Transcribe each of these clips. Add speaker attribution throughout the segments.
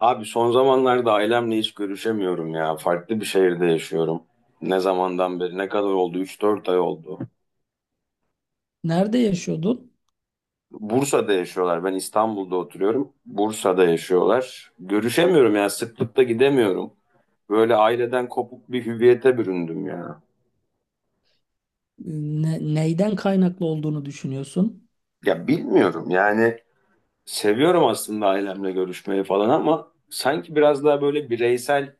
Speaker 1: Abi son zamanlarda ailemle hiç görüşemiyorum ya. Farklı bir şehirde yaşıyorum. Ne zamandan beri? Ne kadar oldu? Üç dört ay oldu.
Speaker 2: Nerede yaşıyordun?
Speaker 1: Bursa'da yaşıyorlar. Ben İstanbul'da oturuyorum. Bursa'da yaşıyorlar. Görüşemiyorum ya. Sıklıkla gidemiyorum. Böyle aileden kopuk bir hüviyete büründüm ya.
Speaker 2: Neyden kaynaklı olduğunu düşünüyorsun?
Speaker 1: Ya bilmiyorum yani. Seviyorum aslında ailemle görüşmeyi falan ama sanki biraz daha böyle bireysel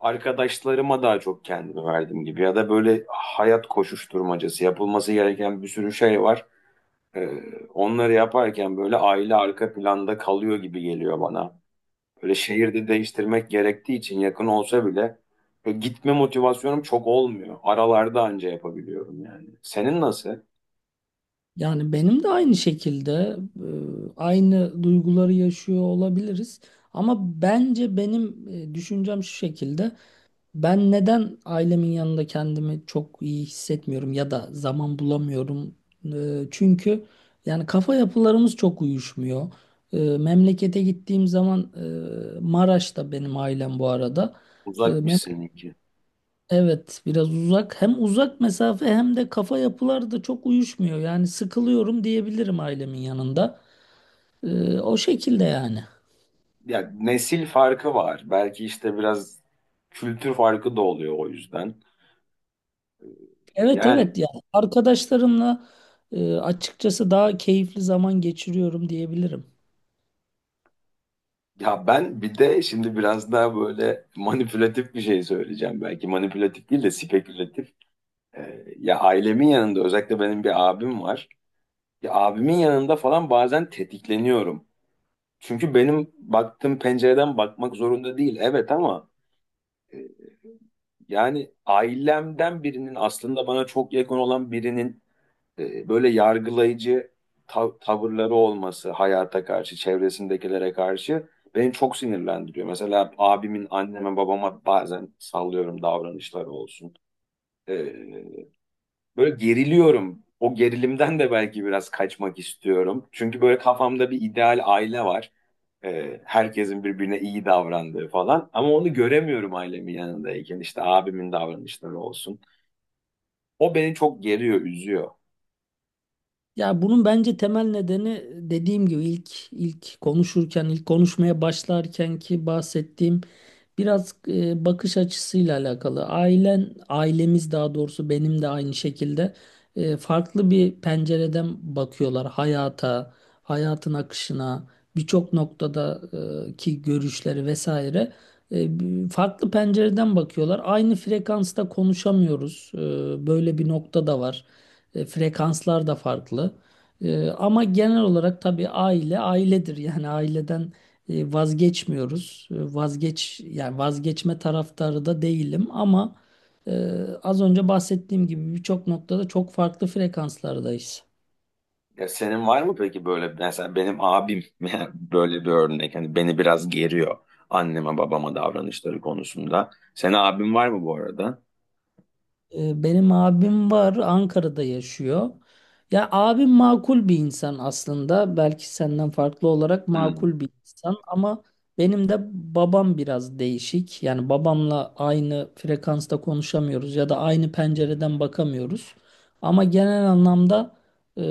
Speaker 1: arkadaşlarıma daha çok kendimi verdim gibi ya da böyle hayat koşuşturmacası yapılması gereken bir sürü şey var. Ee, Onları yaparken böyle aile arka planda kalıyor gibi geliyor bana. Böyle şehirde değiştirmek gerektiği için yakın olsa bile böyle gitme motivasyonum çok olmuyor. Aralarda anca yapabiliyorum yani. Senin nasıl?
Speaker 2: Yani benim de aynı şekilde aynı duyguları yaşıyor olabiliriz. Ama bence benim düşüncem şu şekilde. Ben neden ailemin yanında kendimi çok iyi hissetmiyorum ya da zaman bulamıyorum? Çünkü yani kafa yapılarımız çok uyuşmuyor. Memlekete gittiğim zaman Maraş'ta benim ailem bu arada.
Speaker 1: Uzakmış seninki.
Speaker 2: Evet, biraz uzak. Hem uzak mesafe hem de kafa yapıları da çok uyuşmuyor. Yani sıkılıyorum diyebilirim ailemin yanında. O şekilde yani.
Speaker 1: Ya nesil farkı var. Belki işte biraz kültür farkı da oluyor o yüzden.
Speaker 2: Evet,
Speaker 1: Yani
Speaker 2: evet, yani arkadaşlarımla açıkçası daha keyifli zaman geçiriyorum diyebilirim.
Speaker 1: ya ben bir de şimdi biraz daha böyle manipülatif bir şey söyleyeceğim. Belki manipülatif değil de spekülatif. Ya ailemin yanında özellikle benim bir abim var. Ya abimin yanında falan bazen tetikleniyorum. Çünkü benim baktığım pencereden bakmak zorunda değil. Evet ama e, yani ailemden birinin aslında bana çok yakın olan birinin böyle yargılayıcı tavırları olması hayata karşı, çevresindekilere karşı beni çok sinirlendiriyor. Mesela abimin anneme babama bazen sallıyorum davranışları olsun. E, Böyle geriliyorum. O gerilimden de belki biraz kaçmak istiyorum. Çünkü böyle kafamda bir ideal aile var. Herkesin birbirine iyi davrandığı falan. Ama onu göremiyorum ailemin yanındayken. İşte abimin davranışları olsun. O beni çok geriyor, üzüyor.
Speaker 2: Ya bunun bence temel nedeni dediğim gibi ilk konuşurken ilk konuşmaya başlarken ki bahsettiğim biraz bakış açısıyla alakalı. Ailen ailemiz daha doğrusu benim de aynı şekilde farklı bir pencereden bakıyorlar hayata, hayatın akışına, birçok noktada ki görüşleri vesaire. Farklı pencereden bakıyorlar. Aynı frekansta konuşamıyoruz. Böyle bir nokta da var. Frekanslar da farklı. Ama genel olarak tabii aile ailedir. Yani aileden vazgeçmiyoruz. E, vazgeç Yani vazgeçme taraftarı da değilim ama e, az önce bahsettiğim gibi birçok noktada çok farklı frekanslardayız.
Speaker 1: Ya senin var mı peki böyle mesela benim abim böyle bir örnek. Hani beni biraz geriyor anneme babama davranışları konusunda. Senin abin var mı bu arada?
Speaker 2: Benim abim var, Ankara'da yaşıyor. Ya abim makul bir insan aslında. Belki senden farklı olarak
Speaker 1: Hmm.
Speaker 2: makul bir insan ama benim de babam biraz değişik. Yani babamla aynı frekansta konuşamıyoruz ya da aynı pencereden bakamıyoruz. Ama genel anlamda e,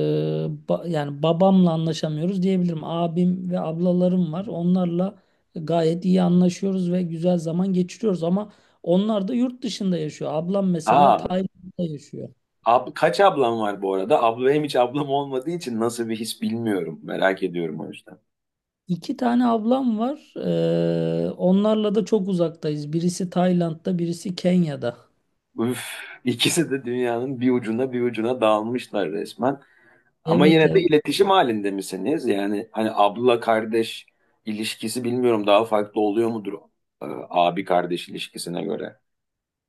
Speaker 2: yani babamla anlaşamıyoruz diyebilirim. Abim ve ablalarım var. Onlarla gayet iyi anlaşıyoruz ve güzel zaman geçiriyoruz ama onlar da yurt dışında yaşıyor. Ablam mesela
Speaker 1: Aa,
Speaker 2: Tayland'da yaşıyor.
Speaker 1: Kaç ablam var bu arada? Abla hem hiç ablam olmadığı için nasıl bir his bilmiyorum. Merak ediyorum o yüzden.
Speaker 2: İki tane ablam var. Onlarla da çok uzaktayız. Birisi Tayland'da, birisi Kenya'da.
Speaker 1: Üf, ikisi de dünyanın bir ucuna bir ucuna dağılmışlar resmen. Ama
Speaker 2: Evet,
Speaker 1: yine de
Speaker 2: evet.
Speaker 1: iletişim halinde misiniz? Yani hani abla kardeş ilişkisi bilmiyorum daha farklı oluyor mudur e, abi kardeş ilişkisine göre?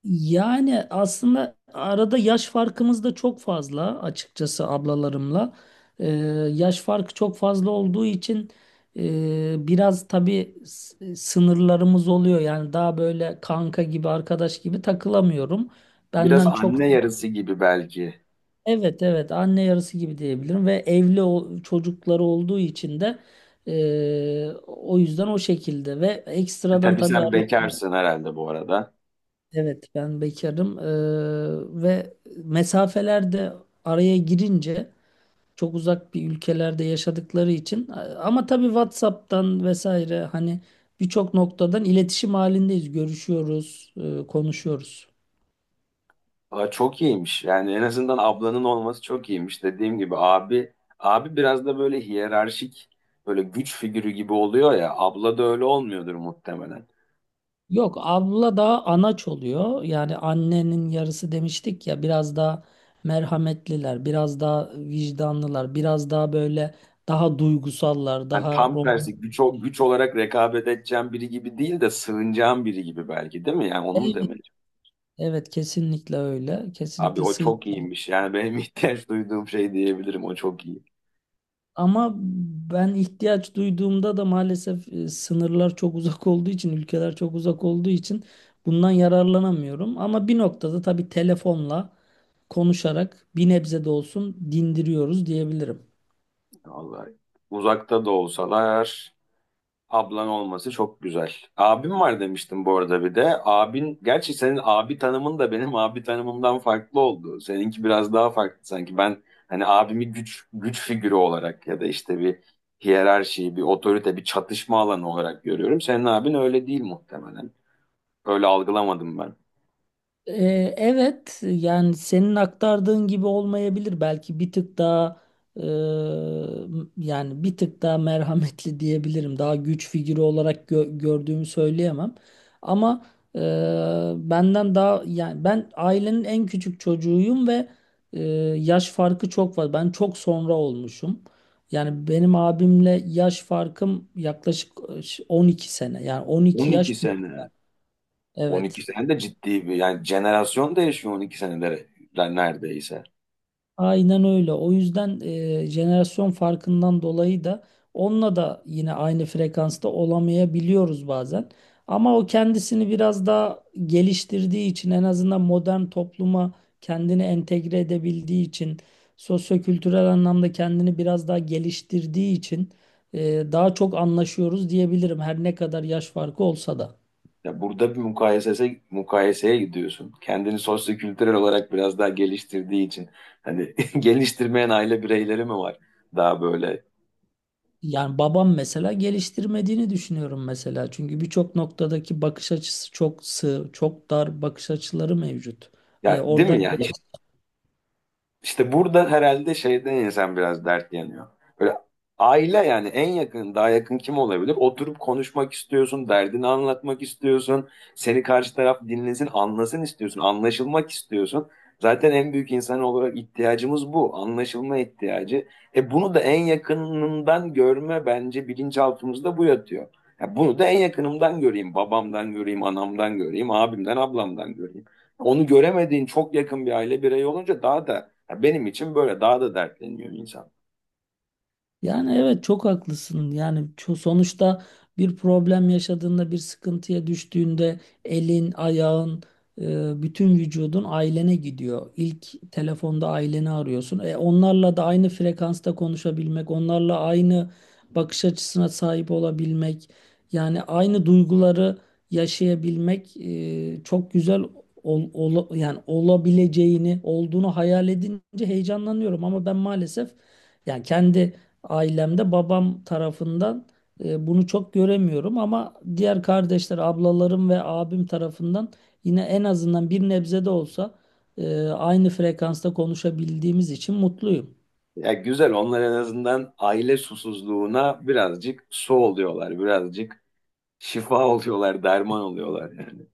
Speaker 2: Yani aslında arada yaş farkımız da çok fazla açıkçası ablalarımla. Ee, Yaş farkı çok fazla olduğu için biraz tabii sınırlarımız oluyor. Yani daha böyle kanka gibi, arkadaş gibi takılamıyorum.
Speaker 1: Biraz
Speaker 2: Benden çok
Speaker 1: anne yarısı gibi belki.
Speaker 2: evet, evet, anne yarısı gibi diyebilirim ve çocukları olduğu için de o yüzden o şekilde ve ekstradan
Speaker 1: Tabii
Speaker 2: tabii
Speaker 1: sen bekarsın herhalde bu arada.
Speaker 2: evet ben bekarım. Ve mesafeler de araya girince çok uzak bir ülkelerde yaşadıkları için ama tabii WhatsApp'tan vesaire hani birçok noktadan iletişim halindeyiz, görüşüyoruz, konuşuyoruz.
Speaker 1: Aa, çok iyiymiş. Yani en azından ablanın olması çok iyiymiş. Dediğim gibi abi biraz da böyle hiyerarşik böyle güç figürü gibi oluyor ya. Abla da öyle olmuyordur muhtemelen.
Speaker 2: Yok, abla daha anaç oluyor. Yani annenin yarısı demiştik ya, biraz daha merhametliler, biraz daha vicdanlılar, biraz daha böyle daha duygusallar,
Speaker 1: Yani
Speaker 2: daha
Speaker 1: tam tersi
Speaker 2: romantik.
Speaker 1: güç olarak rekabet edeceğim biri gibi değil de sığınacağım biri gibi belki değil mi? Yani onu mu
Speaker 2: Evet,
Speaker 1: demeli?
Speaker 2: evet, kesinlikle öyle.
Speaker 1: Abi
Speaker 2: Kesinlikle
Speaker 1: o çok
Speaker 2: sığınacak.
Speaker 1: iyiymiş. Yani benim ihtiyaç duyduğum şey diyebilirim. O çok iyi.
Speaker 2: Ama ben ihtiyaç duyduğumda da maalesef sınırlar çok uzak olduğu için, ülkeler çok uzak olduğu için bundan yararlanamıyorum. Ama bir noktada tabii telefonla konuşarak bir nebze de olsun dindiriyoruz diyebilirim.
Speaker 1: Vallahi uzakta da olsalar ablan olması çok güzel. Abim var demiştim bu arada bir de. Abin, gerçi senin abi tanımın da benim abi tanımımdan farklı oldu. Seninki biraz daha farklı sanki. Ben hani abimi güç figürü olarak ya da işte bir hiyerarşi, bir otorite, bir çatışma alanı olarak görüyorum. Senin abin öyle değil muhtemelen. Öyle algılamadım ben.
Speaker 2: Evet yani senin aktardığın gibi olmayabilir belki bir tık daha e, yani bir tık daha merhametli diyebilirim, daha güç figürü olarak gördüğümü söyleyemem ama e, benden daha yani ben ailenin en küçük çocuğuyum ve e, yaş farkı çok var, ben çok sonra olmuşum. Yani benim abimle yaş farkım yaklaşık 12 sene, yani 12
Speaker 1: 12
Speaker 2: yaş büyük,
Speaker 1: sene. 12
Speaker 2: evet.
Speaker 1: sene de ciddi bir yani jenerasyon değişiyor 12 senede neredeyse.
Speaker 2: Aynen öyle. O yüzden jenerasyon farkından dolayı da onunla da yine aynı frekansta olamayabiliyoruz bazen. Ama o kendisini biraz daha geliştirdiği için, en azından modern topluma kendini entegre edebildiği için, sosyokültürel anlamda kendini biraz daha geliştirdiği için daha çok anlaşıyoruz diyebilirim, her ne kadar yaş farkı olsa da.
Speaker 1: Ya burada bir mukayeseye gidiyorsun. Kendini sosyokültürel olarak biraz daha geliştirdiği için. Hani geliştirmeyen aile bireyleri mi var? Daha böyle.
Speaker 2: Yani babam mesela geliştirmediğini düşünüyorum mesela. Çünkü birçok noktadaki bakış açısı çok sığ, çok dar bakış açıları mevcut.
Speaker 1: Ya değil
Speaker 2: Oradan
Speaker 1: mi yani?
Speaker 2: yola
Speaker 1: İşte burada herhalde şeyden insan biraz dert yanıyor. Böyle aile yani en yakın, daha yakın kim olabilir? Oturup konuşmak istiyorsun, derdini anlatmak istiyorsun. Seni karşı taraf dinlesin, anlasın istiyorsun, anlaşılmak istiyorsun. Zaten en büyük insan olarak ihtiyacımız bu, anlaşılma ihtiyacı. E bunu da en yakınından görme bence bilinçaltımızda bu yatıyor. Ya bunu da en yakınımdan göreyim, babamdan göreyim, anamdan göreyim, abimden, ablamdan göreyim. Onu göremediğin çok yakın bir aile bireyi olunca daha da ya benim için böyle daha da dertleniyor insan.
Speaker 2: yani evet, çok haklısın. Sonuçta bir problem yaşadığında, bir sıkıntıya düştüğünde elin, ayağın, bütün vücudun ailene gidiyor. İlk telefonda aileni arıyorsun. Onlarla da aynı frekansta konuşabilmek, onlarla aynı bakış açısına sahip olabilmek, yani aynı duyguları yaşayabilmek çok güzel yani olabileceğini, olduğunu hayal edince heyecanlanıyorum ama ben maalesef yani kendi ailemde babam tarafından bunu çok göremiyorum ama diğer kardeşler, ablalarım ve abim tarafından yine en azından bir nebze de olsa aynı frekansta konuşabildiğimiz için mutluyum.
Speaker 1: Ya güzel onlar en azından aile susuzluğuna birazcık su oluyorlar. Birazcık şifa oluyorlar, derman oluyorlar yani.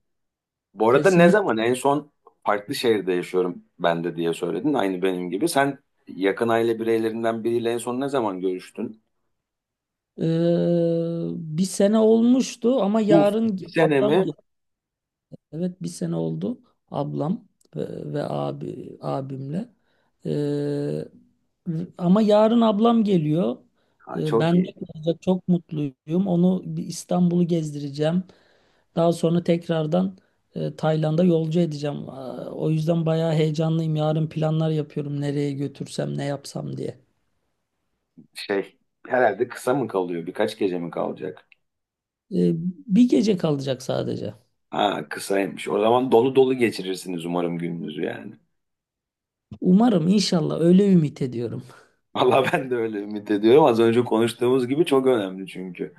Speaker 1: Bu arada ne
Speaker 2: Kesinlikle.
Speaker 1: zaman en son farklı şehirde yaşıyorum ben de diye söyledin. Aynı benim gibi. Sen yakın aile bireylerinden biriyle en son ne zaman görüştün?
Speaker 2: E, Bir sene olmuştu ama
Speaker 1: Bu
Speaker 2: yarın
Speaker 1: bir sene
Speaker 2: ablam
Speaker 1: mi?
Speaker 2: evet, bir sene oldu. Ablam ve, ve abimle. Ee, Ama yarın ablam geliyor.
Speaker 1: Ha, çok
Speaker 2: Ben de
Speaker 1: iyi.
Speaker 2: kalacak, çok mutluyum. Onu bir İstanbul'u gezdireceğim. Daha sonra tekrardan Tayland'a yolcu edeceğim. Aa, o yüzden bayağı heyecanlıyım. Yarın planlar yapıyorum, nereye götürsem, ne yapsam diye.
Speaker 1: Şey herhalde kısa mı kalıyor? Birkaç gece mi kalacak?
Speaker 2: Ee, Bir gece kalacak sadece.
Speaker 1: Ha kısaymış. O zaman dolu dolu geçirirsiniz umarım gününüzü yani.
Speaker 2: Umarım, inşallah öyle ümit ediyorum.
Speaker 1: Valla ben de öyle ümit ediyorum. Az önce konuştuğumuz gibi çok önemli çünkü.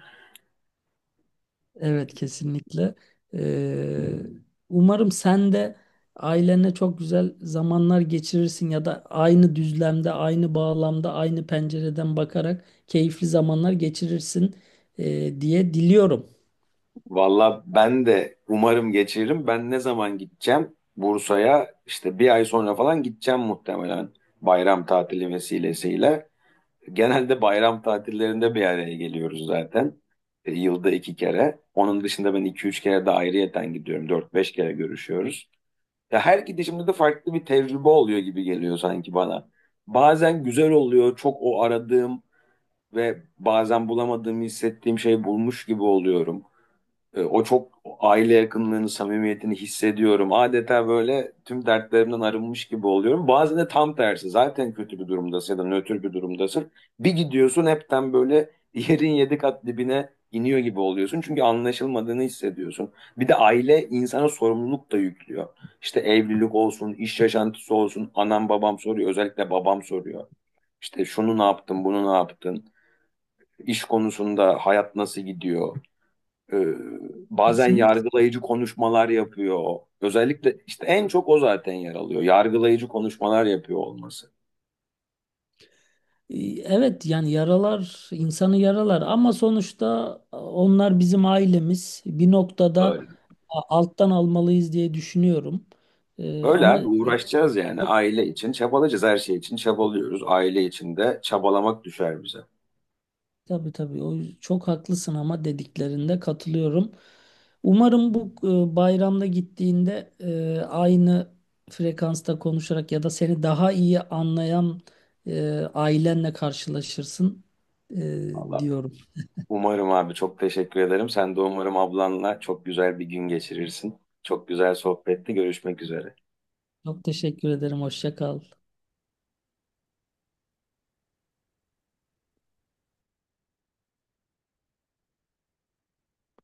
Speaker 2: Evet, kesinlikle. Ee, Umarım sen de ailenle çok güzel zamanlar geçirirsin ya da aynı düzlemde, aynı bağlamda, aynı pencereden bakarak keyifli zamanlar geçirirsin diye diliyorum.
Speaker 1: Valla ben de umarım geçiririm. Ben ne zaman gideceğim? Bursa'ya işte bir ay sonra falan gideceğim muhtemelen bayram tatili vesilesiyle. Genelde bayram tatillerinde bir araya geliyoruz zaten. Yılda iki kere. Onun dışında ben iki üç kere de ayrıyeten gidiyorum. Dört beş kere görüşüyoruz. Ya her gidişimde de farklı bir tecrübe oluyor gibi geliyor sanki bana. Bazen güzel oluyor, çok o aradığım ve bazen bulamadığımı hissettiğim şey bulmuş gibi oluyorum. O çok aile yakınlığını, samimiyetini hissediyorum. Adeta böyle tüm dertlerimden arınmış gibi oluyorum. Bazen de tam tersi. Zaten kötü bir durumdasın ya da nötr bir durumdasın. Bir gidiyorsun hepten böyle yerin 7 kat dibine iniyor gibi oluyorsun. Çünkü anlaşılmadığını hissediyorsun. Bir de aile insana sorumluluk da yüklüyor. İşte evlilik olsun, iş yaşantısı olsun. Anam babam soruyor. Özellikle babam soruyor. İşte şunu ne yaptın, bunu ne yaptın? İş konusunda hayat nasıl gidiyor? Ee, bazen
Speaker 2: Kesinlikle.
Speaker 1: yargılayıcı konuşmalar yapıyor. Özellikle işte en çok o zaten yer alıyor. Yargılayıcı konuşmalar yapıyor olması.
Speaker 2: Ee, Evet yani yaralar insanı yaralar ama sonuçta onlar bizim ailemiz. Bir noktada
Speaker 1: Öyle.
Speaker 2: alttan almalıyız diye düşünüyorum.
Speaker 1: Öyle
Speaker 2: Ama
Speaker 1: abi uğraşacağız yani aile için çabalayacağız her şey için çabalıyoruz. Aile için de çabalamak düşer bize.
Speaker 2: Tabii, tabii, çok haklısın ama dediklerinde katılıyorum. Umarım bu bayramda gittiğinde aynı frekansta konuşarak ya da seni daha iyi anlayan ailenle karşılaşırsın
Speaker 1: Allah.
Speaker 2: diyorum.
Speaker 1: Umarım abi çok teşekkür ederim. Sen de umarım ablanla çok güzel bir gün geçirirsin. Çok güzel sohbetti. Görüşmek üzere.
Speaker 2: Çok teşekkür ederim. Hoşça kal.